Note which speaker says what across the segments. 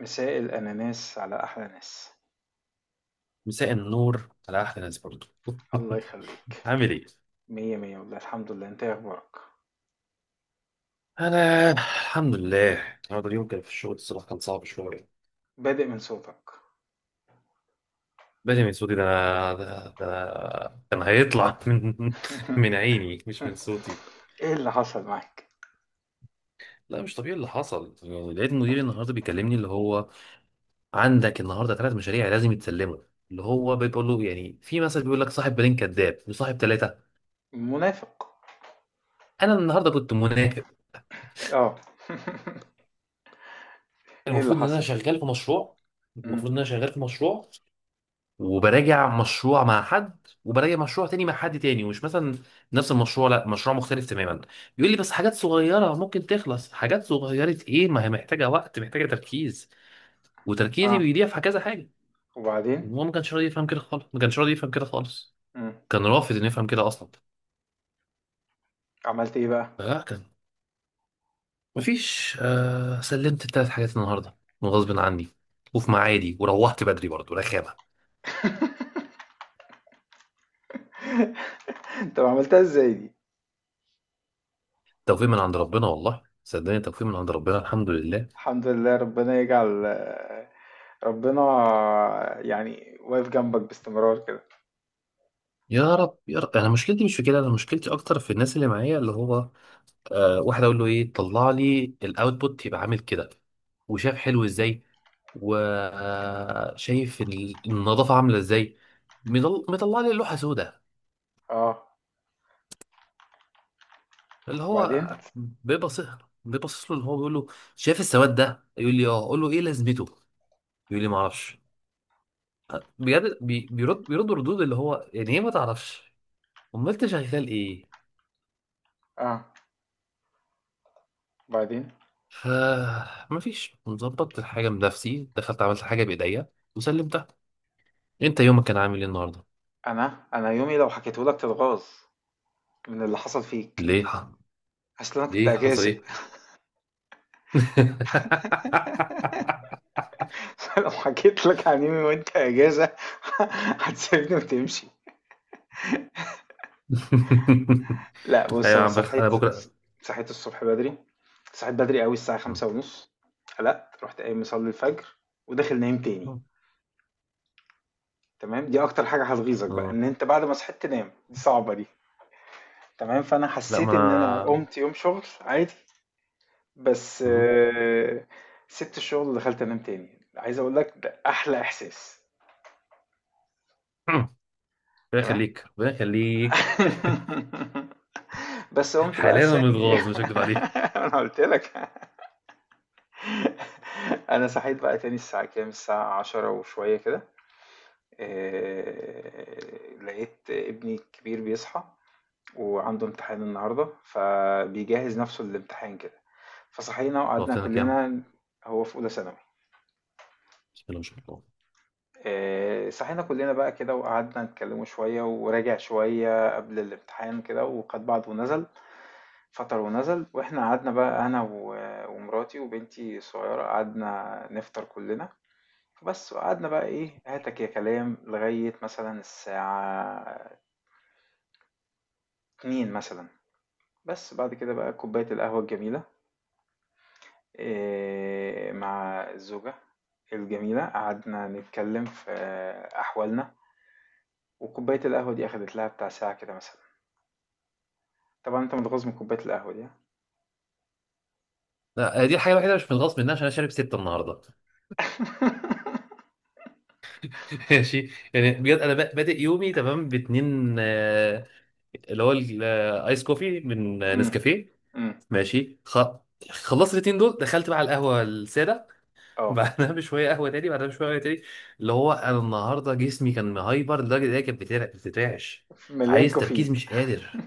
Speaker 1: مساء الأناناس على أحلى ناس.
Speaker 2: مساء النور على احلى ناس برضه.
Speaker 1: الله يخليك.
Speaker 2: عامل ايه؟
Speaker 1: مية مية والله، الحمد لله. انت إيه أخبارك؟
Speaker 2: انا الحمد لله، النهارده اليوم كان في الشغل الصراحه كان صعب شويه.
Speaker 1: بادئ من صوتك.
Speaker 2: بدري من صوتي؟ ده انا ده كان هيطلع من عيني، مش من صوتي.
Speaker 1: ايه اللي حصل معاك؟
Speaker 2: لا مش طبيعي اللي حصل، يعني لقيت مديري النهارده بيكلمني اللي هو: عندك النهارده ثلاث مشاريع لازم يتسلموا. اللي هو بيقول له يعني في مثل بيقول لك: صاحب بالين كذاب، وصاحب ثلاثه.
Speaker 1: منافق.
Speaker 2: انا النهارده كنت منافق.
Speaker 1: اه. ايه اللي
Speaker 2: المفروض ان انا
Speaker 1: حصل؟
Speaker 2: شغال في مشروع المفروض
Speaker 1: مم.
Speaker 2: ان انا شغال في مشروع، وبراجع مشروع مع حد، وبراجع مشروع تاني مع حد تاني، ومش مثلا نفس المشروع، لا مشروع مختلف تماما. يقول لي بس حاجات صغيرة ممكن تخلص، حاجات صغيرة ايه؟ ما هي محتاجة وقت، محتاجة تركيز، وتركيزي
Speaker 1: اه،
Speaker 2: بيضيع في كذا حاجة.
Speaker 1: وبعدين.
Speaker 2: وهو ما كانش راضي يفهم كده خالص ما كانش راضي يفهم كده خالص.
Speaker 1: مم.
Speaker 2: كان رافض انه يفهم كده اصلا.
Speaker 1: عملت ايه بقى؟
Speaker 2: فلا كان مفيش. آه، سلمت التلات حاجات النهاردة غصب عني، وفي ميعادي، وروحت بدري برضه رخامة.
Speaker 1: طب عملتها ازاي دي؟
Speaker 2: توفيق من عند ربنا، والله صدقني توفيق من عند ربنا، الحمد لله.
Speaker 1: الحمد لله، ربنا يجعل، ربنا يعني واقف جنبك باستمرار كده.
Speaker 2: يا رب يا رب. انا مشكلتي مش في كده، انا مشكلتي اكتر في الناس اللي معايا، اللي هو آه واحد اقول له ايه؟ طلع لي الاوتبوت يبقى عامل كده، وشاف حلو ازاي، وشايف النظافه عامله ازاي. مطلع لي لوحه سوداء،
Speaker 1: اه،
Speaker 2: اللي
Speaker 1: وبعدين.
Speaker 2: هو بيبص، بيبص له، اللي هو بيقول له: شايف السواد ده؟ يقول لي اه، اقول له ايه لازمته؟ يقول لي ما اعرفش. بجد بيرد ردود، اللي هو يعني ايه ما تعرفش؟ امال انت شغال ايه؟
Speaker 1: اه، وبعدين.
Speaker 2: فمفيش، مظبط الحاجة بنفسي، دخلت عملت حاجة بإيديا وسلمتها. أنت يومك كان عامل إيه النهاردة؟
Speaker 1: انا يومي لو حكيته لك تتغاظ من اللي حصل فيك.
Speaker 2: ليه؟
Speaker 1: اصل انا كنت
Speaker 2: ليه حصل
Speaker 1: اجازه.
Speaker 2: إيه؟
Speaker 1: لو حكيت لك عن يومي وانت اجازه هتسيبني وتمشي. لا بص،
Speaker 2: أيوة يا
Speaker 1: انا
Speaker 2: عم بخ، أنا
Speaker 1: صحيت،
Speaker 2: بكرة.
Speaker 1: صحيت الصبح بدري، صحيت بدري قوي الساعه خمسة ونص. قلقت، رحت قايم مصلي الفجر وداخل نايم تاني.
Speaker 2: م-
Speaker 1: تمام، دي اكتر حاجه هتغيظك بقى،
Speaker 2: م-
Speaker 1: ان انت بعد ما صحيت تنام، دي صعبه دي. تمام، فانا
Speaker 2: لا ما
Speaker 1: حسيت ان انا
Speaker 2: أنا.
Speaker 1: قمت يوم شغل عادي بس،
Speaker 2: م-
Speaker 1: سبت الشغل دخلت انام تاني. عايز اقول لك ده احلى احساس،
Speaker 2: ربنا
Speaker 1: تمام.
Speaker 2: يخليك ربنا يخليك.
Speaker 1: بس قمت بقى
Speaker 2: حاليا أنا
Speaker 1: الثاني،
Speaker 2: متغاظ، مش هكدب عليك.
Speaker 1: انا قلت لك. انا صحيت بقى تاني الساعة كام؟ الساعة عشرة وشوية كده، لقيت ابني الكبير بيصحى وعنده امتحان النهاردة، فبيجهز نفسه للامتحان كده. فصحينا وقعدنا
Speaker 2: ضربت لنا كام؟
Speaker 1: كلنا. هو في أولى ثانوي.
Speaker 2: بسم الله ما شاء الله.
Speaker 1: صحينا كلنا بقى كده وقعدنا نتكلموا شوية، وراجع شوية قبل الامتحان كده وقد بعض، ونزل فطر ونزل، واحنا قعدنا بقى، ومراتي وبنتي الصغيرة، قعدنا نفطر كلنا بس، وقعدنا بقى ايه هاتك يا كلام لغاية مثلا الساعة اتنين مثلا. بس بعد كده بقى كوباية القهوة الجميلة، إيه، مع الزوجة الجميلة، قعدنا نتكلم في أحوالنا. وكوباية القهوة دي أخدت لها بتاع ساعة كده مثلا. طبعًا أنت متغاظ من كوباية القهوة دي، ها؟
Speaker 2: لا، آه، دي الحاجة الوحيدة اللي مش متغاظ منها، عشان أنا شارب ستة النهاردة. ماشي، يعني بجد انا بادئ يومي تمام باتنين، اللي هو الايس كوفي من
Speaker 1: إمم،
Speaker 2: نسكافيه.
Speaker 1: إمم،
Speaker 2: ماشي خلصت الاتنين دول، دخلت بقى على القهوه الساده.
Speaker 1: آه،
Speaker 2: بعدها بشويه قهوه تاني، بعدها بشويه قهوه تاني. اللي هو انا النهارده جسمي كان مهايبر لدرجه ان هي كانت بتترعش.
Speaker 1: مليان
Speaker 2: عايز تركيز،
Speaker 1: كافيين.
Speaker 2: مش قادر،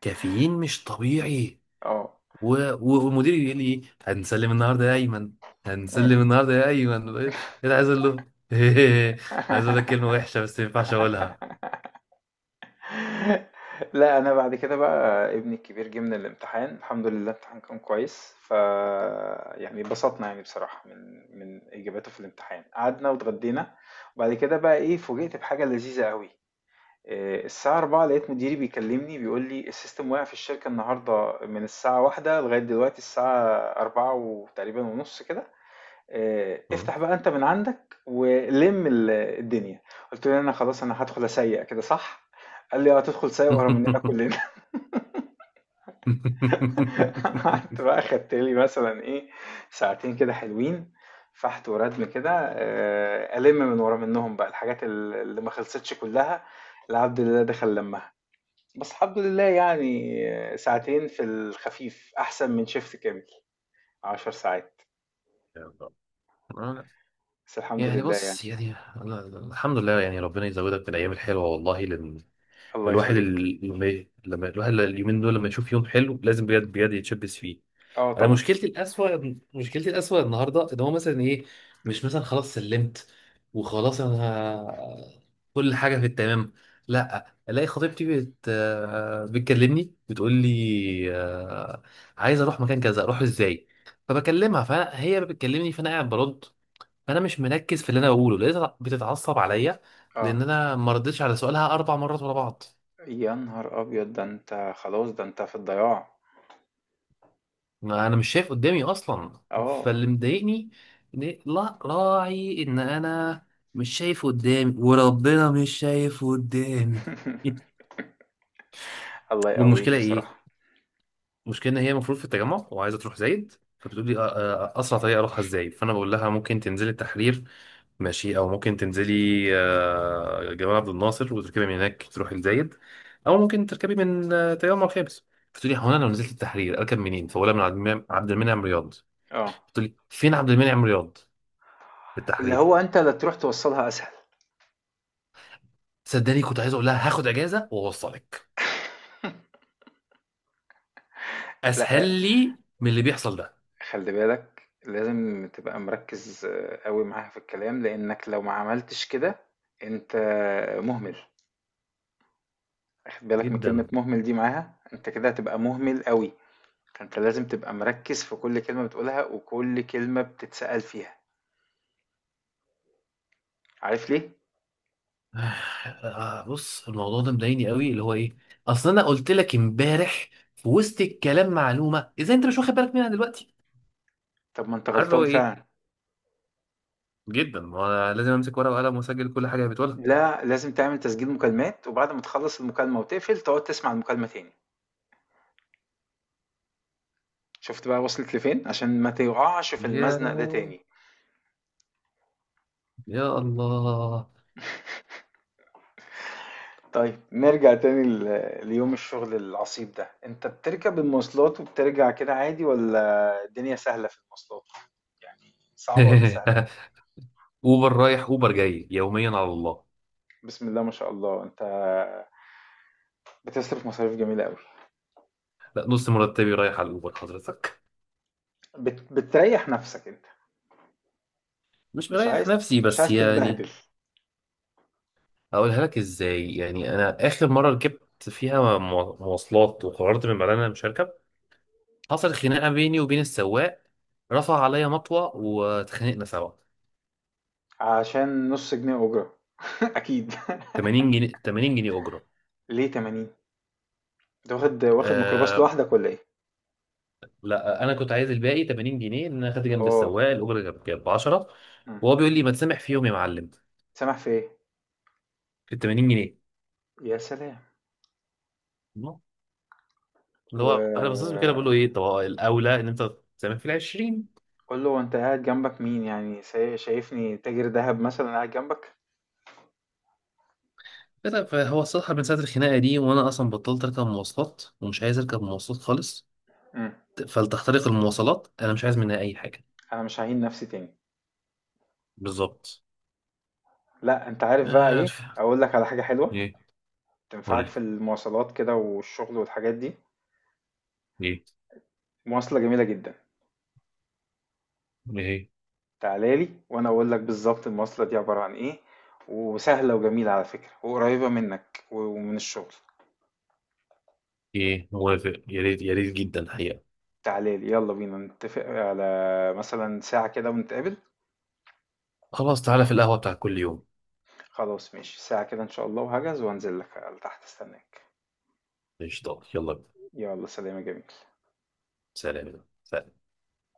Speaker 2: كافيين مش طبيعي.
Speaker 1: آه،
Speaker 2: و... ومديري بيقول لي إيه؟
Speaker 1: إمم.
Speaker 2: هنسلم النهارده يا ايمن. ايه اللي عايز اقول له؟ عايز اقول لك كلمه وحشه، بس ما ينفعش اقولها.
Speaker 1: لأ، أنا بعد كده بقى ابني الكبير جه من الامتحان، الحمد لله الامتحان كان كويس، فيعني اتبسطنا يعني بصراحة من إجاباته في الامتحان. قعدنا واتغدينا، وبعد كده بقى إيه، فوجئت بحاجة لذيذة أوي. الساعة 4 لقيت مديري بيكلمني بيقول لي السيستم واقع في الشركة النهاردة من الساعة واحدة لغاية دلوقتي الساعة 4 وتقريبا ونص كده. افتح بقى انت من عندك ولم الدنيا. قلت له انا خلاص انا هدخل اسيق كده صح؟ قال لي اه، هتدخل سايق ورا مننا كلنا. قعدت بقى خدت لي مثلا ايه، ساعتين كده حلوين، فحت وردم كده، الم من ورا منهم بقى الحاجات اللي ما خلصتش كلها. لعبد الله دخل لمها. بس الحمد لله يعني، ساعتين في الخفيف احسن من شيفت كامل عشر ساعات.
Speaker 2: يا رب. آه،
Speaker 1: بس الحمد
Speaker 2: يعني
Speaker 1: لله يعني.
Speaker 2: بص، يعني أنا الحمد لله، يعني ربنا يزودك بالايام الحلوه والله، لان
Speaker 1: الله
Speaker 2: الواحد
Speaker 1: يخليك.
Speaker 2: لما الواحد اليومين دول لما يشوف يوم حلو لازم بجد بجد يتشبث فيه.
Speaker 1: اه
Speaker 2: انا
Speaker 1: طبعا.
Speaker 2: مشكلتي الاسوأ النهارده ان هو مثلا ايه؟ مش مثلا، خلاص سلمت وخلاص انا كل حاجه في التمام. لا، الاقي خطيبتي بت آه، بتكلمني، بتقول لي عايز اروح مكان كذا اروح ازاي؟ فبكلمها، فهي بتكلمني فانا قاعد برد، فانا مش مركز في اللي انا بقوله، لقيتها بتتعصب عليا
Speaker 1: اه.
Speaker 2: لان انا ما ردتش على سؤالها اربع مرات ورا بعض.
Speaker 1: يا نهار ابيض، ده انت خلاص، ده انت في الضياع.
Speaker 2: ما انا مش شايف قدامي اصلا.
Speaker 1: اه.
Speaker 2: فاللي مضايقني لا راعي ان انا مش شايف قدامي، وربنا مش شايف قدامي.
Speaker 1: الله يقويك
Speaker 2: والمشكله ايه؟
Speaker 1: بصراحة.
Speaker 2: المشكله ان هي المفروض في التجمع وعايزه تروح زايد، فبتقول لي اسرع طريقه اروحها ازاي؟ فانا بقول لها ممكن تنزلي التحرير، ماشي، او ممكن تنزلي جمال عبد الناصر وتركبي من هناك تروحي لزايد، او ممكن تركبي من تجمع خامس. بتقول لي هو انا لو نزلت التحرير اركب منين؟ فبقول لها من عبد المنعم رياض.
Speaker 1: اه،
Speaker 2: بتقول لي فين عبد المنعم رياض؟ في
Speaker 1: اللي هو
Speaker 2: التحرير.
Speaker 1: انت لا تروح توصلها اسهل.
Speaker 2: صدقني كنت عايز اقول لها هاخد اجازه واوصلك،
Speaker 1: لا
Speaker 2: اسهل لي من اللي بيحصل ده.
Speaker 1: خلي بالك، لازم تبقى مركز قوي معاها في الكلام، لانك لو ما عملتش كده انت مهمل. واخد بالك من كلمة
Speaker 2: جدا.
Speaker 1: مهمل دي معاها؟ انت كده هتبقى مهمل قوي. فانت لازم تبقى مركز في كل كلمة بتقولها وكل كلمة بتتسأل فيها. عارف ليه؟
Speaker 2: بص الموضوع ده مضايقني قوي، اللي هو ايه؟ اصل انا قلت لك امبارح في وسط الكلام معلومه، ازاي انت مش واخد بالك منها دلوقتي؟
Speaker 1: طب ما انت
Speaker 2: عارف اللي
Speaker 1: غلطان
Speaker 2: هو ايه؟
Speaker 1: فعلا.
Speaker 2: جدا، ما أنا لازم امسك ورقه وقلم واسجل كل حاجه بتقولها.
Speaker 1: لا لازم تعمل تسجيل مكالمات، وبعد ما تخلص المكالمة وتقفل تقعد تسمع المكالمة تاني. شفت بقى وصلت لفين؟ عشان ما تقعش في
Speaker 2: يا
Speaker 1: المزنق ده
Speaker 2: لهوي.
Speaker 1: تاني.
Speaker 2: يا الله.
Speaker 1: طيب نرجع تاني ليوم الشغل العصيب ده. انت بتركب المواصلات وبترجع كده عادي ولا الدنيا سهلة في المواصلات؟ يعني صعبة ولا سهلة؟
Speaker 2: اوبر رايح، اوبر جاي، يوميا على الله.
Speaker 1: بسم الله ما شاء الله، انت بتصرف مصاريف جميلة قوي.
Speaker 2: لا، نص مرتبي رايح على الاوبر حضرتك.
Speaker 1: بتريح نفسك انت؟
Speaker 2: مش
Speaker 1: مش
Speaker 2: مريح
Speaker 1: عايز،
Speaker 2: نفسي،
Speaker 1: مش
Speaker 2: بس
Speaker 1: عايز
Speaker 2: يعني
Speaker 1: تتبهدل.
Speaker 2: اقولها لك ازاي؟ يعني انا اخر مره ركبت فيها مواصلات، وقررت من بعدها إن انا مش هركب. حصلت خناقه بيني وبين السواق، رفع عليا مطوه واتخانقنا سوا.
Speaker 1: عشان نص جنيه أجرة، أكيد.
Speaker 2: 80 جنيه، 80 جنيه اجره.
Speaker 1: ليه 80؟ ده واخد واخد ميكروباص
Speaker 2: آه،
Speaker 1: لوحدك ولا ايه؟
Speaker 2: لا انا كنت عايز الباقي 80 جنيه، ان انا خدت جنب
Speaker 1: اه.
Speaker 2: السواق الاجره كانت ب 10.
Speaker 1: مم.
Speaker 2: وهو بيقول لي ما تسامح فيهم يا معلم.
Speaker 1: سامح في ايه؟
Speaker 2: في 80 جنيه؟
Speaker 1: يا سلام.
Speaker 2: الله. اللي هو انا باصص له كده بقول له ايه؟
Speaker 1: وقول
Speaker 2: طب هو الاولى ان انت تسامح في ال 20.
Speaker 1: له، وانت قاعد جنبك مين يعني، شايفني تاجر دهب مثلا قاعد جنبك؟
Speaker 2: بس فهو الصراحه من ساعه الخناقه دي وانا اصلا بطلت اركب مواصلات، ومش عايز اركب مواصلات خالص.
Speaker 1: مم.
Speaker 2: فلتحترق المواصلات، انا مش عايز منها اي حاجه.
Speaker 1: انا مش هعين نفسي تاني.
Speaker 2: بالظبط.
Speaker 1: لا انت عارف بقى
Speaker 2: آه،
Speaker 1: ايه؟ اقول لك على حاجة حلوة
Speaker 2: ايه؟
Speaker 1: تنفعك
Speaker 2: قول.
Speaker 1: في المواصلات كده والشغل والحاجات دي،
Speaker 2: جيت.
Speaker 1: مواصلة جميلة جدا.
Speaker 2: ايه؟
Speaker 1: تعالى لي وانا اقول لك بالظبط المواصلة دي عبارة عن ايه، وسهلة وجميلة على فكرة، وقريبة منك ومن الشغل.
Speaker 2: ايه موافق؟ يا ريت يا ريت جدا حقيقة.
Speaker 1: تعالى لي، يلا بينا نتفق على مثلا ساعة كده ونتقابل.
Speaker 2: خلاص تعالى في القهوة بتاع كل يوم.
Speaker 1: خلاص ماشي، ساعة كده ان شاء الله، وهجهز وانزل لك على تحت استناك.
Speaker 2: قشطة، يلا بينا.
Speaker 1: يلا سلام يا جميل.
Speaker 2: سلام سلام.